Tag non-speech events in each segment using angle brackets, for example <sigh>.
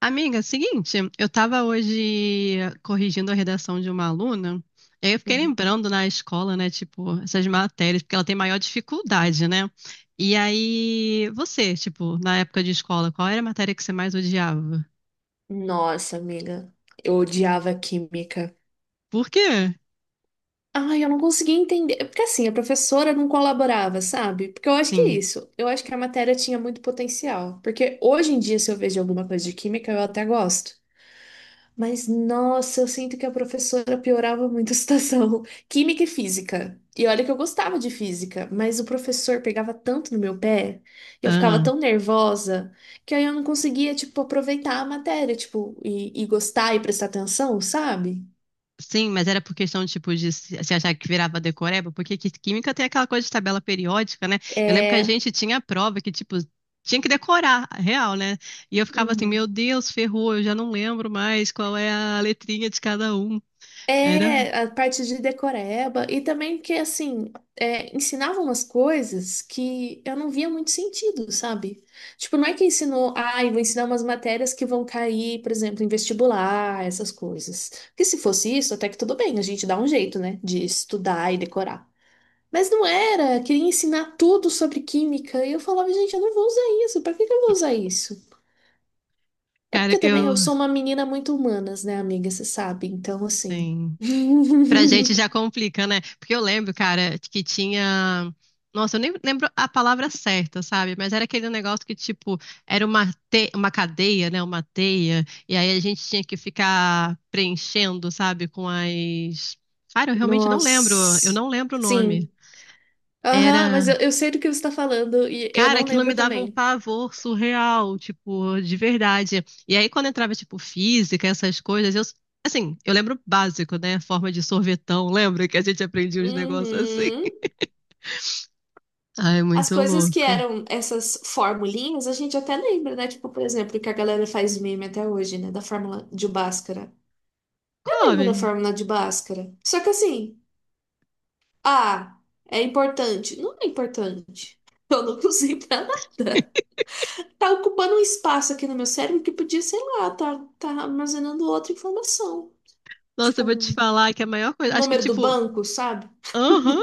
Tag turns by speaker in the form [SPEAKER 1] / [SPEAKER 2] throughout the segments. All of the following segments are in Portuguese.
[SPEAKER 1] Amiga, seguinte, eu tava hoje corrigindo a redação de uma aluna, e aí eu fiquei
[SPEAKER 2] Uhum.
[SPEAKER 1] lembrando na escola, né, tipo, essas matérias, porque ela tem maior dificuldade, né? E aí, você, tipo, na época de escola, qual era a matéria que você mais odiava?
[SPEAKER 2] Nossa, amiga, eu odiava química.
[SPEAKER 1] Por quê?
[SPEAKER 2] Ai, eu não conseguia entender. Porque assim, a professora não colaborava, sabe? Porque eu acho que é
[SPEAKER 1] Sim.
[SPEAKER 2] isso. Eu acho que a matéria tinha muito potencial. Porque hoje em dia, se eu vejo alguma coisa de química, eu até gosto. Mas, nossa, eu sinto que a professora piorava muito a situação. <laughs> Química e física. E olha que eu gostava de física, mas o professor pegava tanto no meu pé, eu ficava tão nervosa, que aí eu não conseguia, tipo, aproveitar a matéria, tipo, e gostar e prestar atenção, sabe?
[SPEAKER 1] Sim, mas era por questão, tipo, de se achar que virava decoreba, química tem aquela coisa de tabela periódica, né? Eu lembro que a
[SPEAKER 2] É.
[SPEAKER 1] gente tinha a prova que, tipo, tinha que decorar, real, né? E eu ficava assim,
[SPEAKER 2] Uhum.
[SPEAKER 1] meu Deus, ferrou, eu já não lembro mais qual é a letrinha de cada um. Era,
[SPEAKER 2] É, a parte de decoreba, e também que, assim, ensinava umas coisas que eu não via muito sentido, sabe? Tipo, não é que ensinou, ai, vou ensinar umas matérias que vão cair, por exemplo, em vestibular, essas coisas. Porque se fosse isso, até que tudo bem, a gente dá um jeito, né, de estudar e decorar. Mas não era, queria ensinar tudo sobre química, e eu falava, gente, eu não vou usar isso, pra que que eu vou usar isso? É
[SPEAKER 1] cara,
[SPEAKER 2] porque também
[SPEAKER 1] eu,
[SPEAKER 2] eu sou uma menina muito humanas, né, amiga, você sabe, então, assim.
[SPEAKER 1] sim. Pra gente
[SPEAKER 2] <laughs>
[SPEAKER 1] já complica, né? Porque eu lembro, cara, que tinha. Nossa, eu nem lembro a palavra certa, sabe? Mas era aquele negócio que, tipo, era uma, uma cadeia, né? Uma teia. E aí a gente tinha que ficar preenchendo, sabe? Com as. Cara, eu realmente não lembro. Eu
[SPEAKER 2] Nossa.
[SPEAKER 1] não lembro o nome.
[SPEAKER 2] Sim. Aham, mas
[SPEAKER 1] Era.
[SPEAKER 2] eu sei do que você está falando e eu
[SPEAKER 1] Cara,
[SPEAKER 2] não
[SPEAKER 1] aquilo me
[SPEAKER 2] lembro
[SPEAKER 1] dava um
[SPEAKER 2] também.
[SPEAKER 1] pavor surreal, tipo, de verdade. E aí, quando entrava, tipo, física, essas coisas, eu, assim, eu lembro o básico, né? Forma de sorvetão, <laughs> lembra que a gente aprendia uns negócios assim?
[SPEAKER 2] Uhum.
[SPEAKER 1] Ai,
[SPEAKER 2] As
[SPEAKER 1] muito
[SPEAKER 2] coisas que
[SPEAKER 1] louco.
[SPEAKER 2] eram essas formulinhas, a gente até lembra, né? Tipo, por exemplo, que a galera faz meme até hoje, né? Da fórmula de Bhaskara. Eu lembro da
[SPEAKER 1] Come.
[SPEAKER 2] fórmula de Bhaskara. Só que assim, ah, é importante. Não é importante. <laughs> Eu não usei pra nada. Tá ocupando um espaço aqui no meu cérebro que podia, sei lá, tá armazenando outra informação.
[SPEAKER 1] Nossa, eu
[SPEAKER 2] Tipo
[SPEAKER 1] vou te
[SPEAKER 2] um
[SPEAKER 1] falar que a maior
[SPEAKER 2] um
[SPEAKER 1] coisa. Acho que,
[SPEAKER 2] número do
[SPEAKER 1] tipo,
[SPEAKER 2] banco, sabe?
[SPEAKER 1] aham.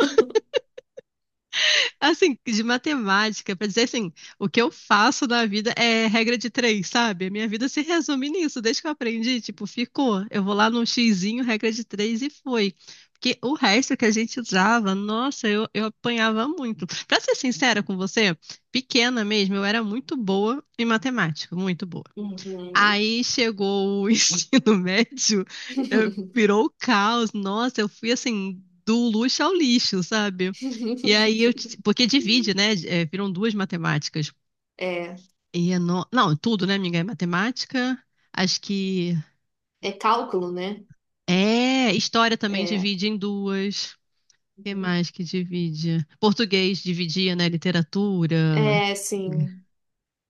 [SPEAKER 1] Assim, de matemática, pra dizer assim, o que eu faço na vida é regra de três, sabe? A minha vida se resume nisso, desde que eu aprendi, tipo, ficou. Eu vou lá num xizinho, regra de três e foi. Porque o resto que a gente usava, nossa, eu apanhava muito. Pra ser sincera com você, pequena mesmo, eu era muito boa em matemática, muito boa.
[SPEAKER 2] Uhum.
[SPEAKER 1] Aí chegou o <laughs> ensino médio,
[SPEAKER 2] <laughs>
[SPEAKER 1] virou o caos. Nossa, eu fui assim, do luxo ao lixo, sabe? E aí eu. Porque divide, né? É, viram duas matemáticas.
[SPEAKER 2] É,
[SPEAKER 1] E é não, tudo, né, amiga? É matemática. Acho que.
[SPEAKER 2] é cálculo, né?
[SPEAKER 1] É, história também
[SPEAKER 2] É,
[SPEAKER 1] divide em duas. O que mais que divide? Português dividia, né? Literatura.
[SPEAKER 2] é, sim.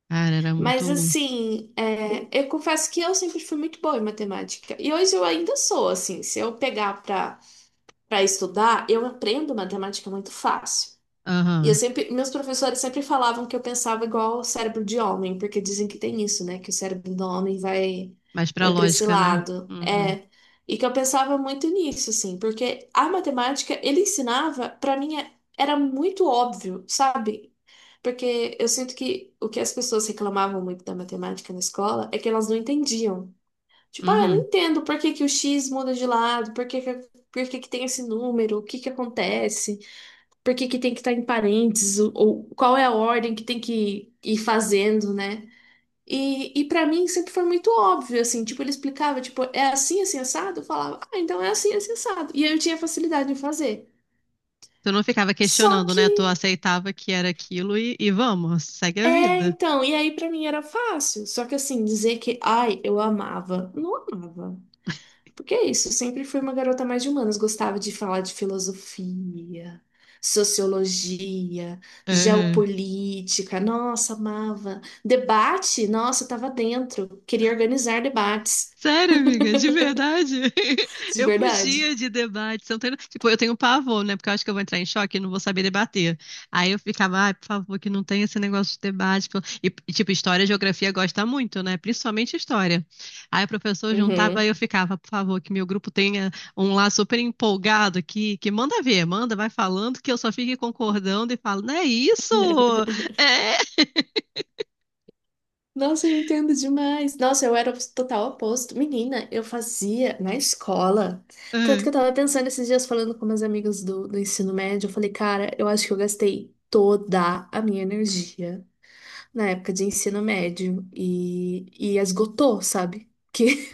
[SPEAKER 1] Cara, era muito
[SPEAKER 2] Mas
[SPEAKER 1] louco.
[SPEAKER 2] assim, eu confesso que eu sempre fui muito boa em matemática. E hoje eu ainda sou, assim, se eu pegar para estudar, eu aprendo matemática muito fácil. E eu
[SPEAKER 1] Aham.
[SPEAKER 2] sempre, meus professores sempre falavam que eu pensava igual o cérebro de homem, porque dizem que tem isso, né? Que o cérebro do homem vai,
[SPEAKER 1] Mais pra
[SPEAKER 2] vai para esse
[SPEAKER 1] lógica, né?
[SPEAKER 2] lado.
[SPEAKER 1] Uhum.
[SPEAKER 2] É. E que eu pensava muito nisso, assim, porque a matemática, ele ensinava, para mim, era muito óbvio, sabe? Porque eu sinto que o que as pessoas reclamavam muito da matemática na escola é que elas não entendiam. Tipo, ah, eu não
[SPEAKER 1] Uhum.
[SPEAKER 2] entendo por que que o X muda de lado, por que que tem esse número, o que que acontece por que que tem que estar em parênteses, ou qual é a ordem que tem que ir fazendo, né? E para mim sempre foi muito óbvio, assim, tipo, ele explicava, tipo, é assim, assim, assado? Eu falava, ah, então é assim, assim, assado. E aí eu tinha facilidade em fazer.
[SPEAKER 1] Tu não ficava
[SPEAKER 2] Só
[SPEAKER 1] questionando, né? Tu
[SPEAKER 2] que,
[SPEAKER 1] aceitava que era aquilo e vamos, segue a vida.
[SPEAKER 2] então, e aí pra mim era fácil. Só que assim, dizer que, ai, eu amava, não amava. Porque é isso, eu sempre fui uma garota mais de humanas, gostava de falar de filosofia, sociologia, geopolítica, nossa, amava. Debate, nossa, eu tava dentro, queria organizar debates,
[SPEAKER 1] Sério, amiga, de verdade. <laughs>
[SPEAKER 2] de
[SPEAKER 1] Eu
[SPEAKER 2] verdade.
[SPEAKER 1] fugia de debate. Você não tem- Tipo, eu tenho pavor, né? Porque eu acho que eu vou entrar em choque e não vou saber debater. Aí eu ficava, ai, por favor, que não tenha esse negócio de debate. Pô. Tipo, história e geografia gosta muito, né? Principalmente história. Aí o professor juntava e
[SPEAKER 2] Uhum.
[SPEAKER 1] eu ficava, por favor, que meu grupo tenha um lá super empolgado que manda ver, manda, vai falando, que eu só fique concordando e falo, não é isso?
[SPEAKER 2] <laughs>
[SPEAKER 1] É. <laughs>
[SPEAKER 2] Nossa, eu entendo demais. Nossa, eu era o total oposto. Menina, eu fazia na escola. Tanto
[SPEAKER 1] Ah,
[SPEAKER 2] que eu tava pensando esses dias, falando com meus amigos do ensino médio, eu falei, cara, eu acho que eu gastei toda a minha energia na época de ensino médio e esgotou, sabe? Que,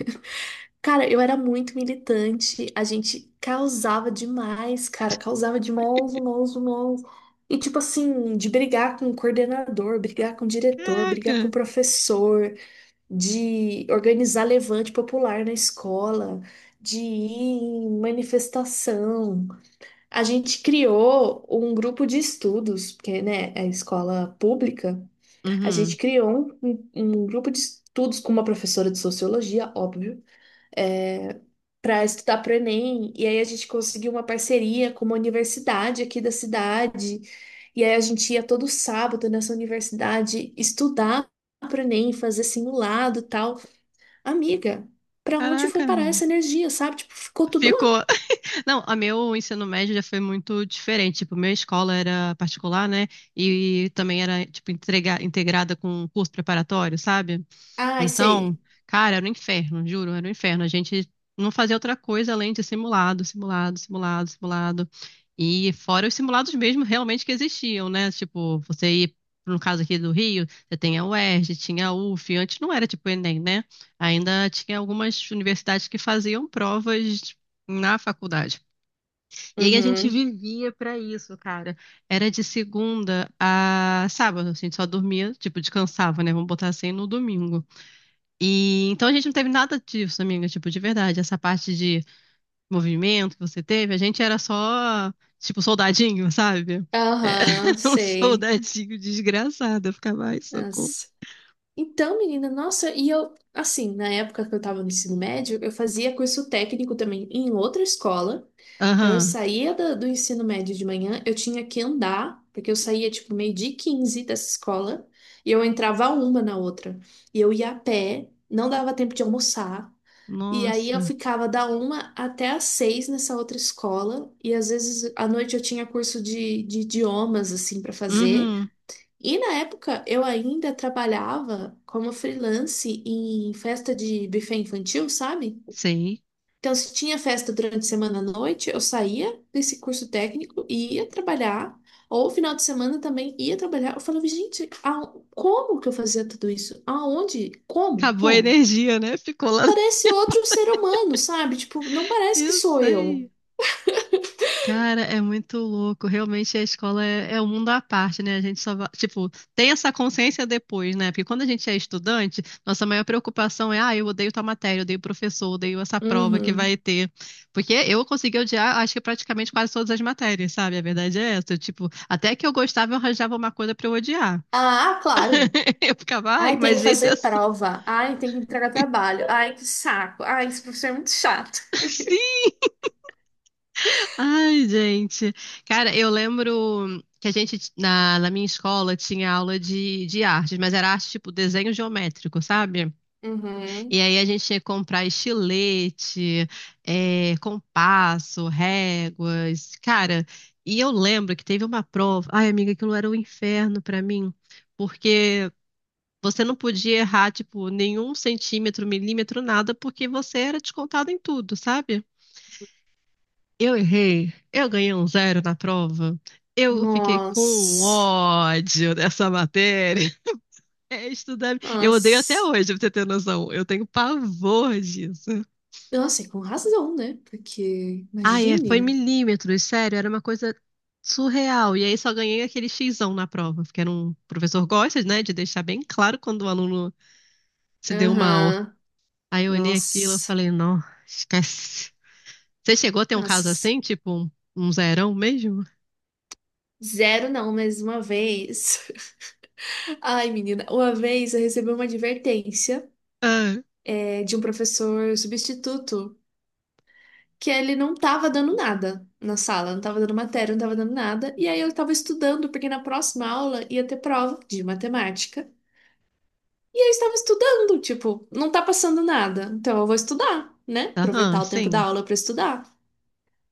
[SPEAKER 2] <laughs> cara, eu era muito militante, a gente causava demais, cara, causava demais, demais, demais. E tipo assim, de brigar com o coordenador, brigar com o diretor, brigar com
[SPEAKER 1] caraca.
[SPEAKER 2] o professor, de organizar levante popular na escola, de ir em manifestação. A gente criou um grupo de estudos, porque, né, é escola pública. A gente
[SPEAKER 1] Uhum.
[SPEAKER 2] criou um, um grupo de estudos com uma professora de sociologia, óbvio, é, para estudar para o Enem. E aí a gente conseguiu uma parceria com uma universidade aqui da cidade. E aí a gente ia todo sábado nessa universidade estudar para o Enem, fazer simulado e tal. Amiga, para onde foi
[SPEAKER 1] Caraca,
[SPEAKER 2] parar essa
[SPEAKER 1] amiga.
[SPEAKER 2] energia, sabe? Tipo, ficou tudo
[SPEAKER 1] Ficou.
[SPEAKER 2] lá.
[SPEAKER 1] Não, a meu ensino médio já foi muito diferente. Tipo, minha escola era particular, né? E também era, tipo, integrada com um curso preparatório, sabe?
[SPEAKER 2] Ai,
[SPEAKER 1] Então,
[SPEAKER 2] sei.
[SPEAKER 1] cara, era um inferno, juro, era um inferno. A gente não fazia outra coisa além de simulado, simulado, simulado, simulado. E fora os simulados mesmo realmente que existiam, né? Tipo, você ir, no caso aqui do Rio, você tem a UERJ, tinha a UF, antes não era tipo o Enem, né? Ainda tinha algumas universidades que faziam provas na faculdade. E aí a gente
[SPEAKER 2] Uhum.
[SPEAKER 1] vivia pra isso, cara. Era de segunda a sábado, a gente só dormia, tipo, descansava, né? Vamos botar assim no domingo. E então a gente não teve nada disso, amiga, tipo, de verdade, essa parte de movimento que você teve, a gente era só, tipo, soldadinho, sabe? É,
[SPEAKER 2] Aham,
[SPEAKER 1] <laughs> um
[SPEAKER 2] sei.
[SPEAKER 1] soldadinho desgraçado, eu ficava, ai, socorro.
[SPEAKER 2] Então, menina, nossa, e eu, assim, na época que eu tava no ensino médio, eu fazia curso técnico também em outra escola. Então, eu
[SPEAKER 1] Aham.
[SPEAKER 2] saía do ensino médio de manhã, eu tinha que andar, porque eu saía, tipo, meio-dia e 15 dessa escola, e eu entrava uma na outra. E eu ia a pé, não dava tempo de almoçar, e aí eu
[SPEAKER 1] Nossa.
[SPEAKER 2] ficava da uma até às seis nessa outra escola, e às vezes à noite eu tinha curso de idiomas, assim, para fazer.
[SPEAKER 1] Uhum.
[SPEAKER 2] E na época eu ainda trabalhava como freelance em festa de buffet infantil, sabe?
[SPEAKER 1] Sei.
[SPEAKER 2] Então, se tinha festa durante a semana à noite, eu saía desse curso técnico e ia trabalhar, ou final de semana também ia trabalhar. Eu falava, gente, como que eu fazia tudo isso? Aonde? Como?
[SPEAKER 1] Acabou a
[SPEAKER 2] Como?
[SPEAKER 1] energia, né? Ficou lá. <laughs>
[SPEAKER 2] Parece outro ser humano, sabe? Tipo, não parece que
[SPEAKER 1] Eu
[SPEAKER 2] sou eu.
[SPEAKER 1] sei. Cara, é muito louco. Realmente a escola é um mundo à parte, né? A gente só, tipo, tem essa consciência depois, né? Porque quando a gente é estudante, nossa maior preocupação é, ah, eu odeio tal matéria, eu odeio o professor, eu odeio essa prova que
[SPEAKER 2] Uhum.
[SPEAKER 1] vai ter. Porque eu consegui odiar, acho que praticamente quase todas as matérias, sabe? A verdade é essa. Tipo, até que eu gostava, eu arranjava uma coisa pra eu odiar.
[SPEAKER 2] Ah, claro.
[SPEAKER 1] <laughs> Eu ficava, ai,
[SPEAKER 2] Ai, tem
[SPEAKER 1] mas
[SPEAKER 2] que
[SPEAKER 1] esse
[SPEAKER 2] fazer
[SPEAKER 1] assunto.
[SPEAKER 2] prova. Ai, tem que entregar trabalho. Ai, que saco. Ai, esse professor é muito chato.
[SPEAKER 1] <laughs> Ai, gente. Cara, eu lembro que a gente, na minha escola, tinha aula de arte, mas era arte tipo desenho geométrico, sabe? E
[SPEAKER 2] Uhum.
[SPEAKER 1] aí a gente tinha que comprar estilete, compasso, réguas. Cara, e eu lembro que teve uma prova. Ai, amiga, aquilo era um inferno pra mim, porque. Você não podia errar, tipo, nenhum centímetro, milímetro, nada, porque você era descontado em tudo, sabe? Eu errei, eu ganhei um zero na prova, eu fiquei com um
[SPEAKER 2] Nossa.
[SPEAKER 1] ódio dessa matéria. <laughs> É estudar. Eu odeio até
[SPEAKER 2] Nossa.
[SPEAKER 1] hoje, pra você ter noção. Eu tenho pavor disso.
[SPEAKER 2] Nossa, e com razão, né? Porque,
[SPEAKER 1] Ah, é, foi
[SPEAKER 2] imagine.
[SPEAKER 1] milímetros, sério, era uma coisa surreal. E aí só ganhei aquele xizão na prova, porque era um o professor gosta, né, de deixar bem claro quando o aluno se deu mal.
[SPEAKER 2] Aham.
[SPEAKER 1] Aí eu olhei aquilo e
[SPEAKER 2] Nossa.
[SPEAKER 1] falei, não, esquece. Você chegou a ter um caso
[SPEAKER 2] Nossa.
[SPEAKER 1] assim, tipo um, um zerão mesmo?
[SPEAKER 2] Zero não, mas uma vez. <laughs> Ai, menina, uma vez eu recebi uma advertência
[SPEAKER 1] Ah,
[SPEAKER 2] de um professor substituto, que ele não tava dando nada na sala, não tava dando matéria, não tava dando nada. E aí eu tava estudando, porque na próxima aula ia ter prova de matemática. E eu estava estudando, tipo, não tá passando nada. Então eu vou estudar, né?
[SPEAKER 1] aham,
[SPEAKER 2] Aproveitar o tempo da
[SPEAKER 1] sim.
[SPEAKER 2] aula pra estudar.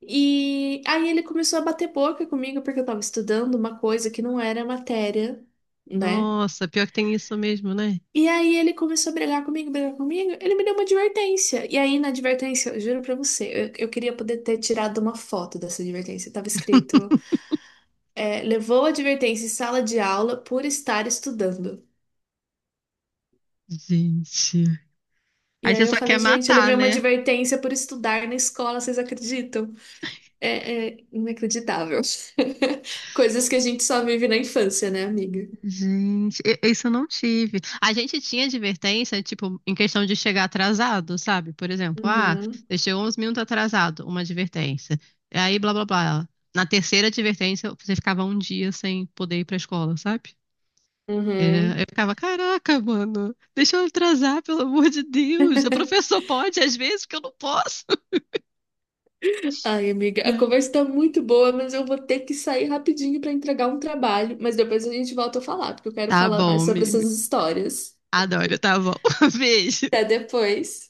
[SPEAKER 2] E aí ele começou a bater boca comigo porque eu tava estudando uma coisa que não era matéria, né?
[SPEAKER 1] Nossa, pior que tem isso mesmo, né?
[SPEAKER 2] E aí ele começou a brigar comigo, brigar comigo. Ele me deu uma advertência. E aí na advertência, eu juro pra você, eu queria poder ter tirado uma foto dessa advertência. Tava escrito, levou a advertência em sala de aula por estar estudando.
[SPEAKER 1] Gente.
[SPEAKER 2] E
[SPEAKER 1] Aí
[SPEAKER 2] aí
[SPEAKER 1] você
[SPEAKER 2] eu
[SPEAKER 1] só quer
[SPEAKER 2] falei, gente, eu
[SPEAKER 1] matar,
[SPEAKER 2] levei uma
[SPEAKER 1] né?
[SPEAKER 2] advertência por estudar na escola, vocês acreditam? É, é inacreditável. <laughs> Coisas que a gente só vive na infância, né, amiga?
[SPEAKER 1] Gente, isso eu não tive. A gente tinha advertência, tipo, em questão de chegar atrasado, sabe? Por exemplo, ah,
[SPEAKER 2] Uhum,
[SPEAKER 1] você chegou uns minutos atrasado, uma advertência. E aí, blá, blá, blá. Na terceira advertência, você ficava um dia sem poder ir pra escola, sabe?
[SPEAKER 2] uhum.
[SPEAKER 1] Eu ficava, caraca, mano, deixa eu atrasar, pelo amor de Deus. O professor pode, às vezes, porque eu não posso.
[SPEAKER 2] Ai, amiga, a
[SPEAKER 1] <laughs>
[SPEAKER 2] conversa tá muito boa, mas eu vou ter que sair rapidinho pra entregar um trabalho. Mas depois a gente volta a falar, porque eu quero
[SPEAKER 1] Tá
[SPEAKER 2] falar
[SPEAKER 1] bom,
[SPEAKER 2] mais sobre
[SPEAKER 1] amigo.
[SPEAKER 2] essas histórias.
[SPEAKER 1] Adoro, tá bom. <laughs> Beijo.
[SPEAKER 2] Até depois.